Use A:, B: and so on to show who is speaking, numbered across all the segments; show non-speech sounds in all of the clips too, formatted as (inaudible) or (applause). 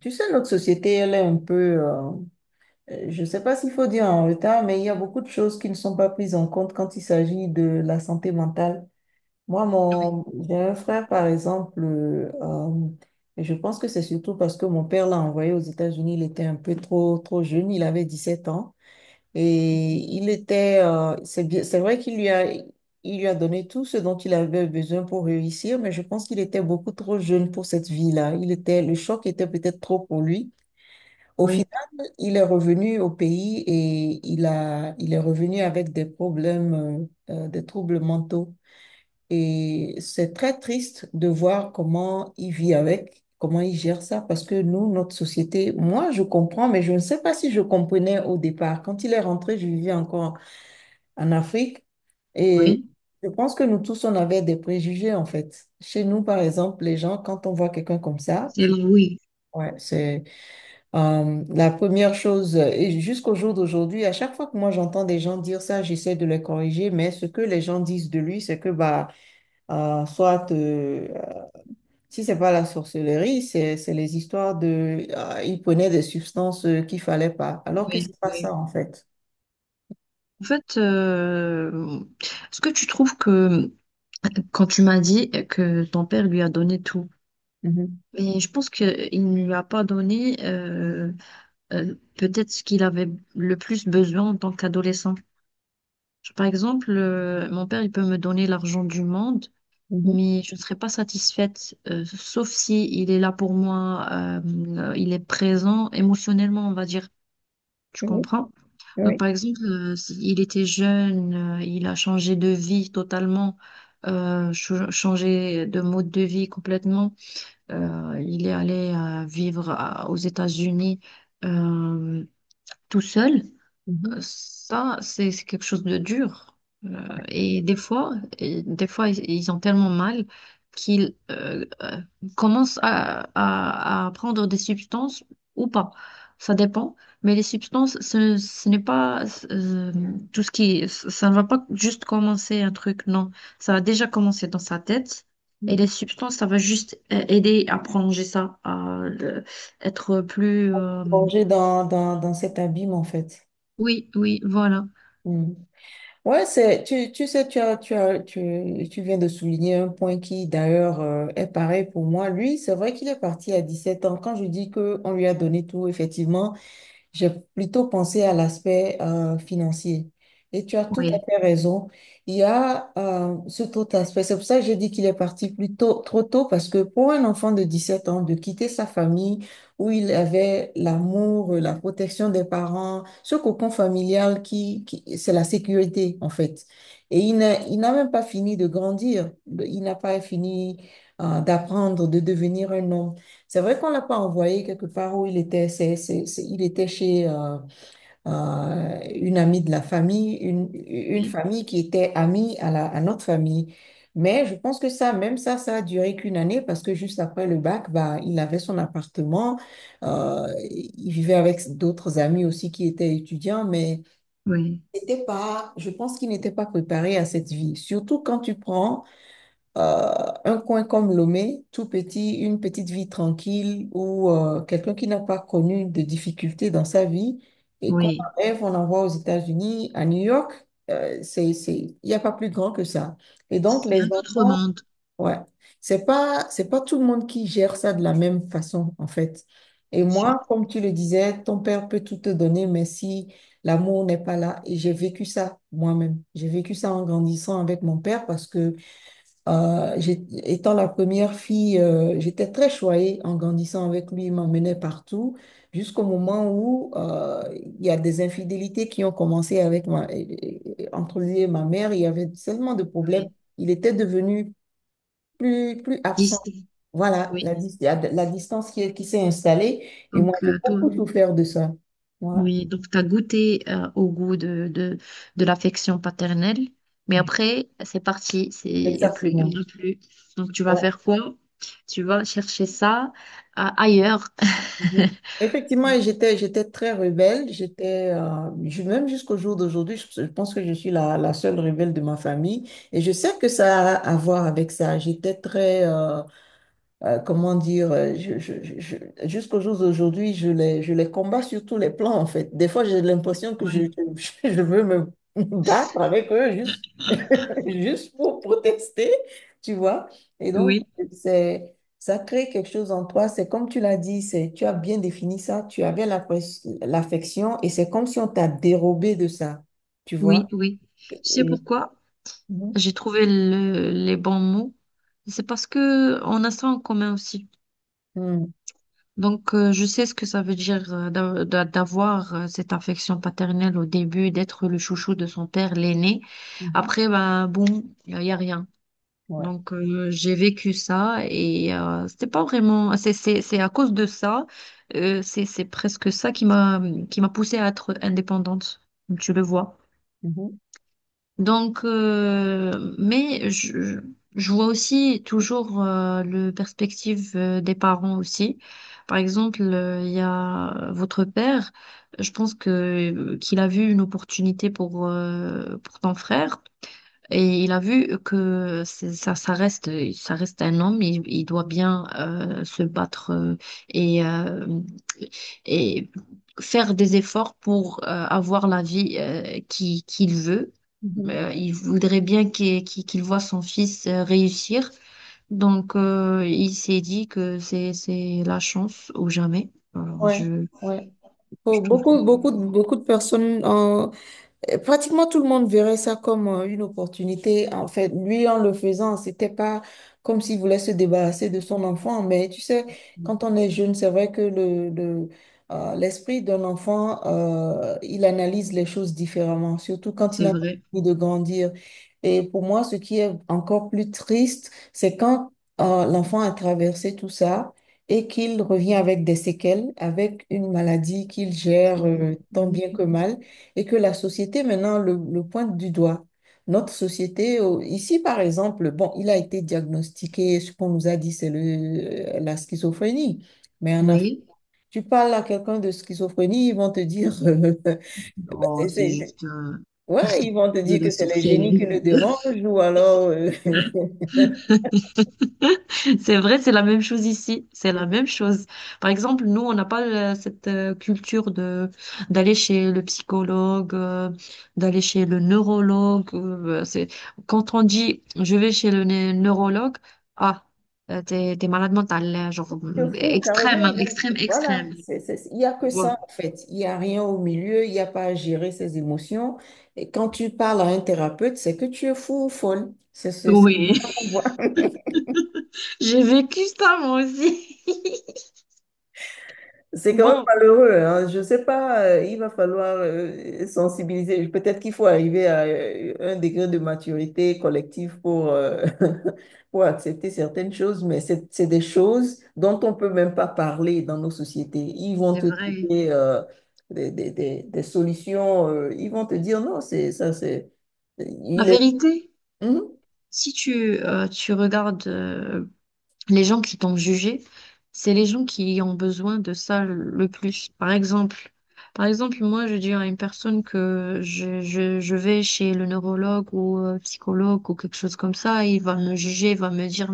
A: Tu sais, notre société, elle est un peu, je ne sais pas s'il faut dire en retard, mais il y a beaucoup de choses qui ne sont pas prises en compte quand il s'agit de la santé mentale. Moi, j'ai un frère, par exemple, je pense que c'est surtout parce que mon père l'a envoyé aux États-Unis, il était un peu trop jeune, il avait 17 ans, et il était, c'est bien, c'est vrai qu'il lui a donné tout ce dont il avait besoin pour réussir, mais je pense qu'il était beaucoup trop jeune pour cette vie-là. Le choc était peut-être trop pour lui. Au final,
B: Oui,
A: il est revenu au pays et il est revenu avec des problèmes, des troubles mentaux. Et c'est très triste de voir comment il vit avec, comment il gère ça, parce que nous, notre société, moi, je comprends, mais je ne sais pas si je comprenais au départ. Quand il est rentré, je vivais encore en Afrique et
B: oui,
A: je pense que nous tous, on avait des préjugés, en fait. Chez nous, par exemple, les gens, quand on voit quelqu'un comme ça,
B: c'est le oui,
A: ouais, c'est la première chose, et jusqu'au jour d'aujourd'hui, à chaque fois que moi j'entends des gens dire ça, j'essaie de les corriger, mais ce que les gens disent de lui, c'est que bah, soit si c'est pas la sorcellerie, c'est les histoires de il prenait des substances qu'il fallait pas, alors que
B: oui,
A: c'est pas
B: oui.
A: ça en fait.
B: En fait, est-ce que tu trouves que quand tu m'as dit que ton père lui a donné tout,
A: Mhm,
B: mais je pense qu'il ne lui a pas donné peut-être ce qu'il avait le plus besoin en tant qu'adolescent. Par exemple, mon père, il peut me donner l'argent du monde,
A: mhm,
B: mais je ne serai pas satisfaite, sauf si il est là pour moi, il est présent émotionnellement, on va dire. Tu
A: oui,
B: comprends? Donc,
A: oui.
B: par exemple, il était jeune, il a changé de vie totalement, changé de mode de vie complètement. Il est allé aux États-Unis, euh, tout seul.
A: Mhm,
B: Ça, c'est quelque chose de dur. Euh, et des fois, et des fois, ils ont tellement mal qu'ils commencent à prendre des substances ou pas. Ça dépend. Mais les substances, ce n'est pas euh, tout ce qui... Ça ne va pas juste commencer un truc, non. Ça a déjà commencé dans sa tête. Et les
A: mhm.
B: substances, ça va juste aider à prolonger ça, à être plus...
A: Plonger dans cet abîme en fait.
B: Oui, oui, voilà.
A: Ouais, c'est, tu sais, tu viens de souligner un point qui, d'ailleurs, est pareil pour moi. Lui, c'est vrai qu'il est parti à 17 ans. Quand je dis qu'on lui a donné tout, effectivement, j'ai plutôt pensé à l'aspect financier. Et tu as tout à
B: Oui.
A: fait raison. Il y a cet autre aspect. C'est pour ça que j'ai dit qu'il est parti plus tôt, trop tôt, parce que pour un enfant de 17 ans, de quitter sa famille où il avait l'amour, la protection des parents, ce cocon familial qui, c'est la sécurité, en fait. Et il n'a même pas fini de grandir. Il n'a pas fini d'apprendre, de devenir un homme. C'est vrai qu'on l'a pas envoyé quelque part où il était. Il était chez une amie de la famille, une
B: Oui.
A: famille qui était amie à notre famille. Mais je pense que ça, même ça, ça a duré qu'une année parce que juste après le bac, bah, il avait son appartement. Il vivait avec d'autres amis aussi qui étaient étudiants, mais
B: Oui,
A: c'était pas, je pense qu'il n'était pas préparé à cette vie. Surtout quand tu prends un coin comme Lomé, tout petit, une petite vie tranquille où quelqu'un qui n'a pas connu de difficultés dans sa vie et qu'on
B: oui.
A: en rêve, on envoie aux États-Unis, à New York, c'est, il n'y a pas plus grand que ça. Et donc,
B: C'est
A: les
B: un autre
A: enfants,
B: monde,
A: ouais, c'est pas tout le monde qui gère ça de la même façon, en fait. Et
B: bien sûr.
A: moi, comme tu le disais, ton père peut tout te donner, mais si l'amour n'est pas là, et j'ai vécu ça moi-même, j'ai vécu ça en grandissant avec mon père parce que étant la première fille, j'étais très choyée en grandissant avec lui. Il m'emmenait partout jusqu'au
B: Oui.
A: moment où il y a des infidélités qui ont commencé avec entre lui et ma mère. Il y avait tellement de problèmes.
B: Oui,
A: Il était devenu plus absent.
B: distinct.
A: Voilà, la,
B: Oui.
A: dis- la, la distance qui s'est installée. Et moi,
B: Donc,
A: j'ai
B: toi,
A: beaucoup souffert de ça. Voilà,
B: oui, donc tu as goûté au goût de l'affection paternelle, mais après, c'est parti, c'est, il n'y a plus, il
A: exactement.
B: y en a plus. Donc, tu vas faire quoi? Tu vas chercher ça ailleurs.
A: Mhm.
B: (laughs)
A: Effectivement, j'étais très rebelle. Même jusqu'au jour d'aujourd'hui, je pense que je suis la seule rebelle de ma famille. Et je sais que ça a à voir avec ça. J'étais très, comment dire, jusqu'au jour d'aujourd'hui, je les combats sur tous les plans, en fait. Des fois, j'ai l'impression que
B: Ouais.
A: (laughs) je veux me (laughs) battre avec eux, juste (laughs) juste pour protester, tu vois. Et donc,
B: Oui,
A: ça crée quelque chose en toi. C'est comme tu l'as dit, tu as bien défini ça, tu avais la l'affection et c'est comme si on t'a dérobé de ça, tu
B: oui,
A: vois.
B: oui. Tu sais
A: Et-
B: pourquoi?
A: Mhm.
B: J'ai trouvé les bons mots. C'est parce que on a ça en commun aussi.
A: Mhm.
B: Donc, je sais ce que ça veut dire d'avoir cette affection paternelle au début, d'être le chouchou de son père, l'aîné.
A: Mhm.
B: Après, ben, bon, il n'y a rien.
A: Ouais.
B: Donc, j'ai vécu ça et c'était pas vraiment. C'est à cause de ça, c'est presque ça qui m'a poussée à être indépendante, comme tu le vois.
A: Mhm.
B: Donc, mais je vois aussi toujours le perspective des parents aussi. Par exemple, il y a votre père. Je pense que qu'il a vu une opportunité pour ton frère et il a vu que ça reste un homme. Il doit bien se battre et euh, et faire des efforts pour avoir la vie qui qu'il veut.
A: Mhm.
B: Il voudrait bien qu'il voit son fils réussir. Donc, il s'est dit que c'est la chance ou jamais. Alors,
A: Ouais. Ouais. Pour
B: je trouve que
A: beaucoup de personnes. Pratiquement tout le monde verrait ça comme une opportunité. En fait, lui, en le faisant, c'était pas comme s'il voulait se débarrasser de son enfant. Mais tu sais, quand on est jeune, c'est vrai que l'esprit d'un enfant, il analyse les choses différemment, surtout quand il
B: c'est
A: n'a pas
B: vrai.
A: envie de grandir. Et pour moi, ce qui est encore plus triste, c'est quand l'enfant a traversé tout ça et qu'il revient avec des séquelles, avec une maladie qu'il gère tant
B: Oui.
A: bien que mal et que la société maintenant le pointe du doigt. Notre société, ici par exemple, bon, il a été diagnostiqué, ce qu'on nous a dit, c'est la schizophrénie. Mais en Afrique,
B: Oui.
A: tu parles à quelqu'un de schizophrénie, ils vont te dire, (laughs)
B: Oh,
A: c'est-
B: c'est
A: c'est-
B: juste
A: ouais, ils vont te
B: de
A: dire que
B: la
A: c'est le génie qui le
B: sorcellerie. (laughs)
A: dérange ou alors, (laughs)
B: (laughs) C'est vrai, c'est la même chose ici. C'est la même chose. Par exemple, nous, on n'a pas cette culture de d'aller chez le psychologue, d'aller chez le neurologue. Euh, c'est quand on dit je vais chez neurologue, ah, t'es malade mental, genre
A: c'est fou,
B: extrême,
A: carrément,
B: hein,
A: ils vont dire,
B: extrême,
A: voilà,
B: extrême.
A: il n'y a que
B: Tu
A: ça
B: vois.
A: en fait. Il n'y a rien au milieu, il n'y a pas à gérer ses émotions. Et quand tu parles à un thérapeute, c'est que tu es fou ou folle.
B: Oui,
A: Voilà.
B: (laughs) j'ai vécu ça moi aussi. (laughs)
A: C'est quand même
B: Bon,
A: malheureux, hein. Je ne sais pas, il va falloir sensibiliser. Peut-être qu'il faut arriver à un degré de maturité collective pour, (laughs) pour accepter certaines choses, mais c'est des choses dont on ne peut même pas parler dans nos sociétés. Ils vont
B: c'est
A: te
B: vrai.
A: trouver des solutions, ils vont te dire non, c'est ça, c'est.
B: La
A: Il est.
B: vérité,
A: Mhm.
B: si tu, tu regardes les gens qui t'ont jugé, c'est les gens qui ont besoin de ça le plus. Par exemple, moi, je dis à une personne que je vais chez le neurologue ou psychologue ou quelque chose comme ça, il va me juger, il va me dire,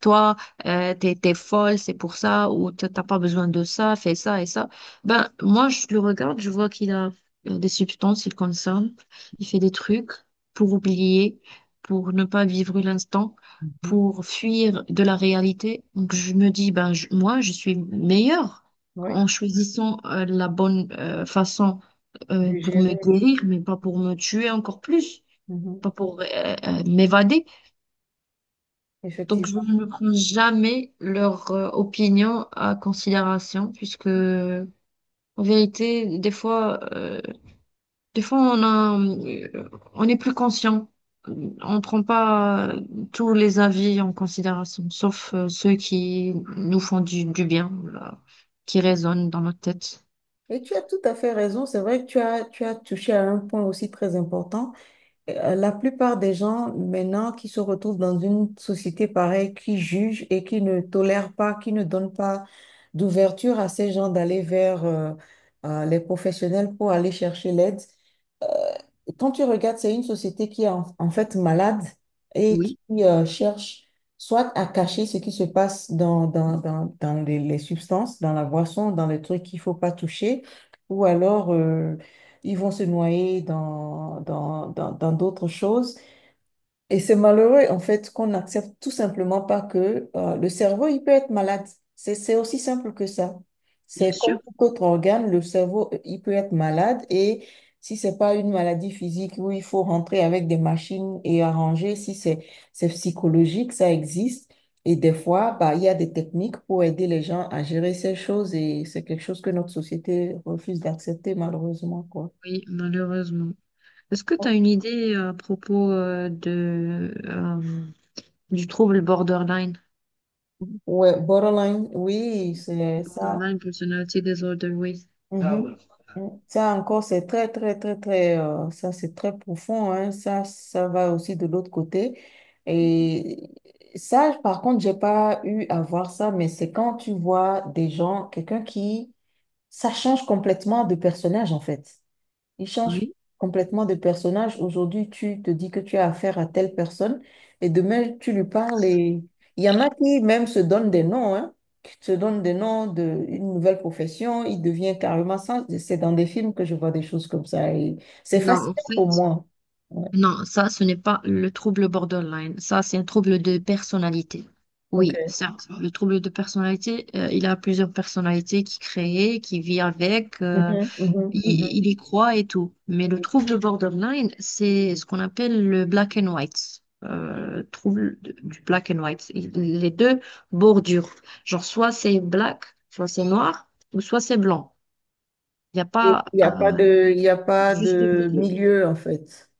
B: toi, t'es folle, c'est pour ça, ou t'as pas besoin de ça, fais ça et ça. Ben, moi, je le regarde, je vois qu'il a des substances, il consomme, il fait des trucs pour oublier, pour ne pas vivre l'instant
A: Mhm.
B: pour fuir de la réalité. Donc je me dis, ben, moi, je suis meilleure
A: Oui,
B: en choisissant la bonne façon
A: de
B: pour me
A: gérer.
B: guérir, mais pas pour me tuer encore plus,
A: Mhm.
B: pas pour m'évader. Donc je
A: Effectivement.
B: ne prends jamais leur opinion à considération, puisque en vérité, des fois... des fois, on est plus conscient. On prend pas tous les avis en considération, sauf ceux qui nous font du bien, là, qui résonnent dans notre tête.
A: Et tu as tout à fait raison. C'est vrai que tu as touché à un point aussi très important. La plupart des gens maintenant qui se retrouvent dans une société pareille, qui jugent et qui ne tolèrent pas, qui ne donnent pas d'ouverture à ces gens d'aller vers les professionnels pour aller chercher l'aide. euh, Quand tu regardes, c'est une société qui est en fait malade et qui
B: Oui,
A: cherche soit à cacher ce qui se passe dans les substances, dans la boisson, dans les trucs qu'il faut pas toucher, ou alors ils vont se noyer dans d'autres choses et c'est malheureux, en fait, qu'on n'accepte tout simplement pas que le cerveau, il peut être malade. C'est aussi simple que ça.
B: bien
A: C'est comme
B: sûr.
A: tout autre organe, le cerveau, il peut être malade et si c'est pas une maladie physique où il faut rentrer avec des machines et arranger, si c'est psychologique, ça existe. Et des fois, bah, il y a des techniques pour aider les gens à gérer ces choses et c'est quelque chose que notre société refuse d'accepter, malheureusement, quoi.
B: Oui, malheureusement. Est-ce que tu as une idée à propos du trouble borderline?
A: Ouais, borderline, oui, c'est ça.
B: Borderline personality disorder, oui. Ah
A: Mhm.
B: ouais.
A: Mm. Ça encore, c'est très, très, très, très, ça c'est très profond, hein. Ça va aussi de l'autre côté. Et ça, par contre, j'ai pas eu à voir ça, mais c'est quand tu vois des gens, quelqu'un qui, ça change complètement de personnage en fait. Il change
B: Oui.
A: complètement de personnage. Aujourd'hui, tu te dis que tu as affaire à telle personne et demain, tu lui parles et il y en a qui même se donnent des noms, hein, qui se donnent des noms d'une nouvelle profession. Il devient carrément ça. C'est dans des films que je vois des choses comme ça et c'est
B: Non, en
A: fascinant pour
B: fait,
A: moi. Ouais,
B: Non, ça, ce n'est pas le trouble borderline. Ça, c'est un trouble de personnalité. Oui,
A: ok.
B: certes, le trouble de personnalité, il a plusieurs personnalités qui créent, qui vit avec,
A: Mhm, mhm, mhm.
B: il y croit et tout. Mais le trouble borderline, c'est ce qu'on appelle le black and white. Du black and white. Il- les deux bordures. Genre, soit c'est black, soit c'est noir, ou soit c'est blanc. Il n'y a
A: Et
B: pas
A: il y a pas
B: juste
A: de
B: milieu.
A: milieu en fait.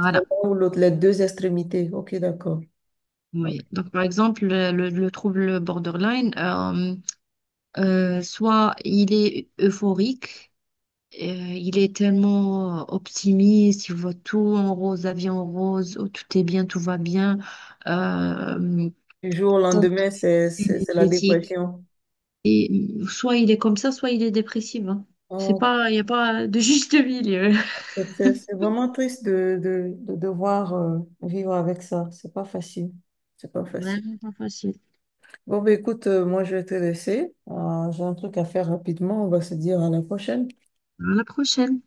A: C'est l'un ou l'autre, les deux extrémités. Ok, d'accord. Ok.
B: Oui, donc par exemple, le trouble borderline, soit il est euphorique, il est tellement optimiste, il voit tout en rose, la vie en rose, oh, tout est bien, tout va bien, euh,
A: Du jour au
B: tellement
A: lendemain, c'est la
B: énergétique.
A: dépression.
B: Et soit il est comme ça, soit il est dépressif, hein. C'est
A: Ok.
B: pas, il n'y a pas de juste milieu. (laughs)
A: C'est vraiment triste de devoir vivre avec ça. C'est pas facile. C'est pas facile.
B: Vraiment pas facile.
A: Bon, bah, écoute, moi, je vais te laisser. J'ai un truc à faire rapidement. On va se dire à la prochaine.
B: À la prochaine.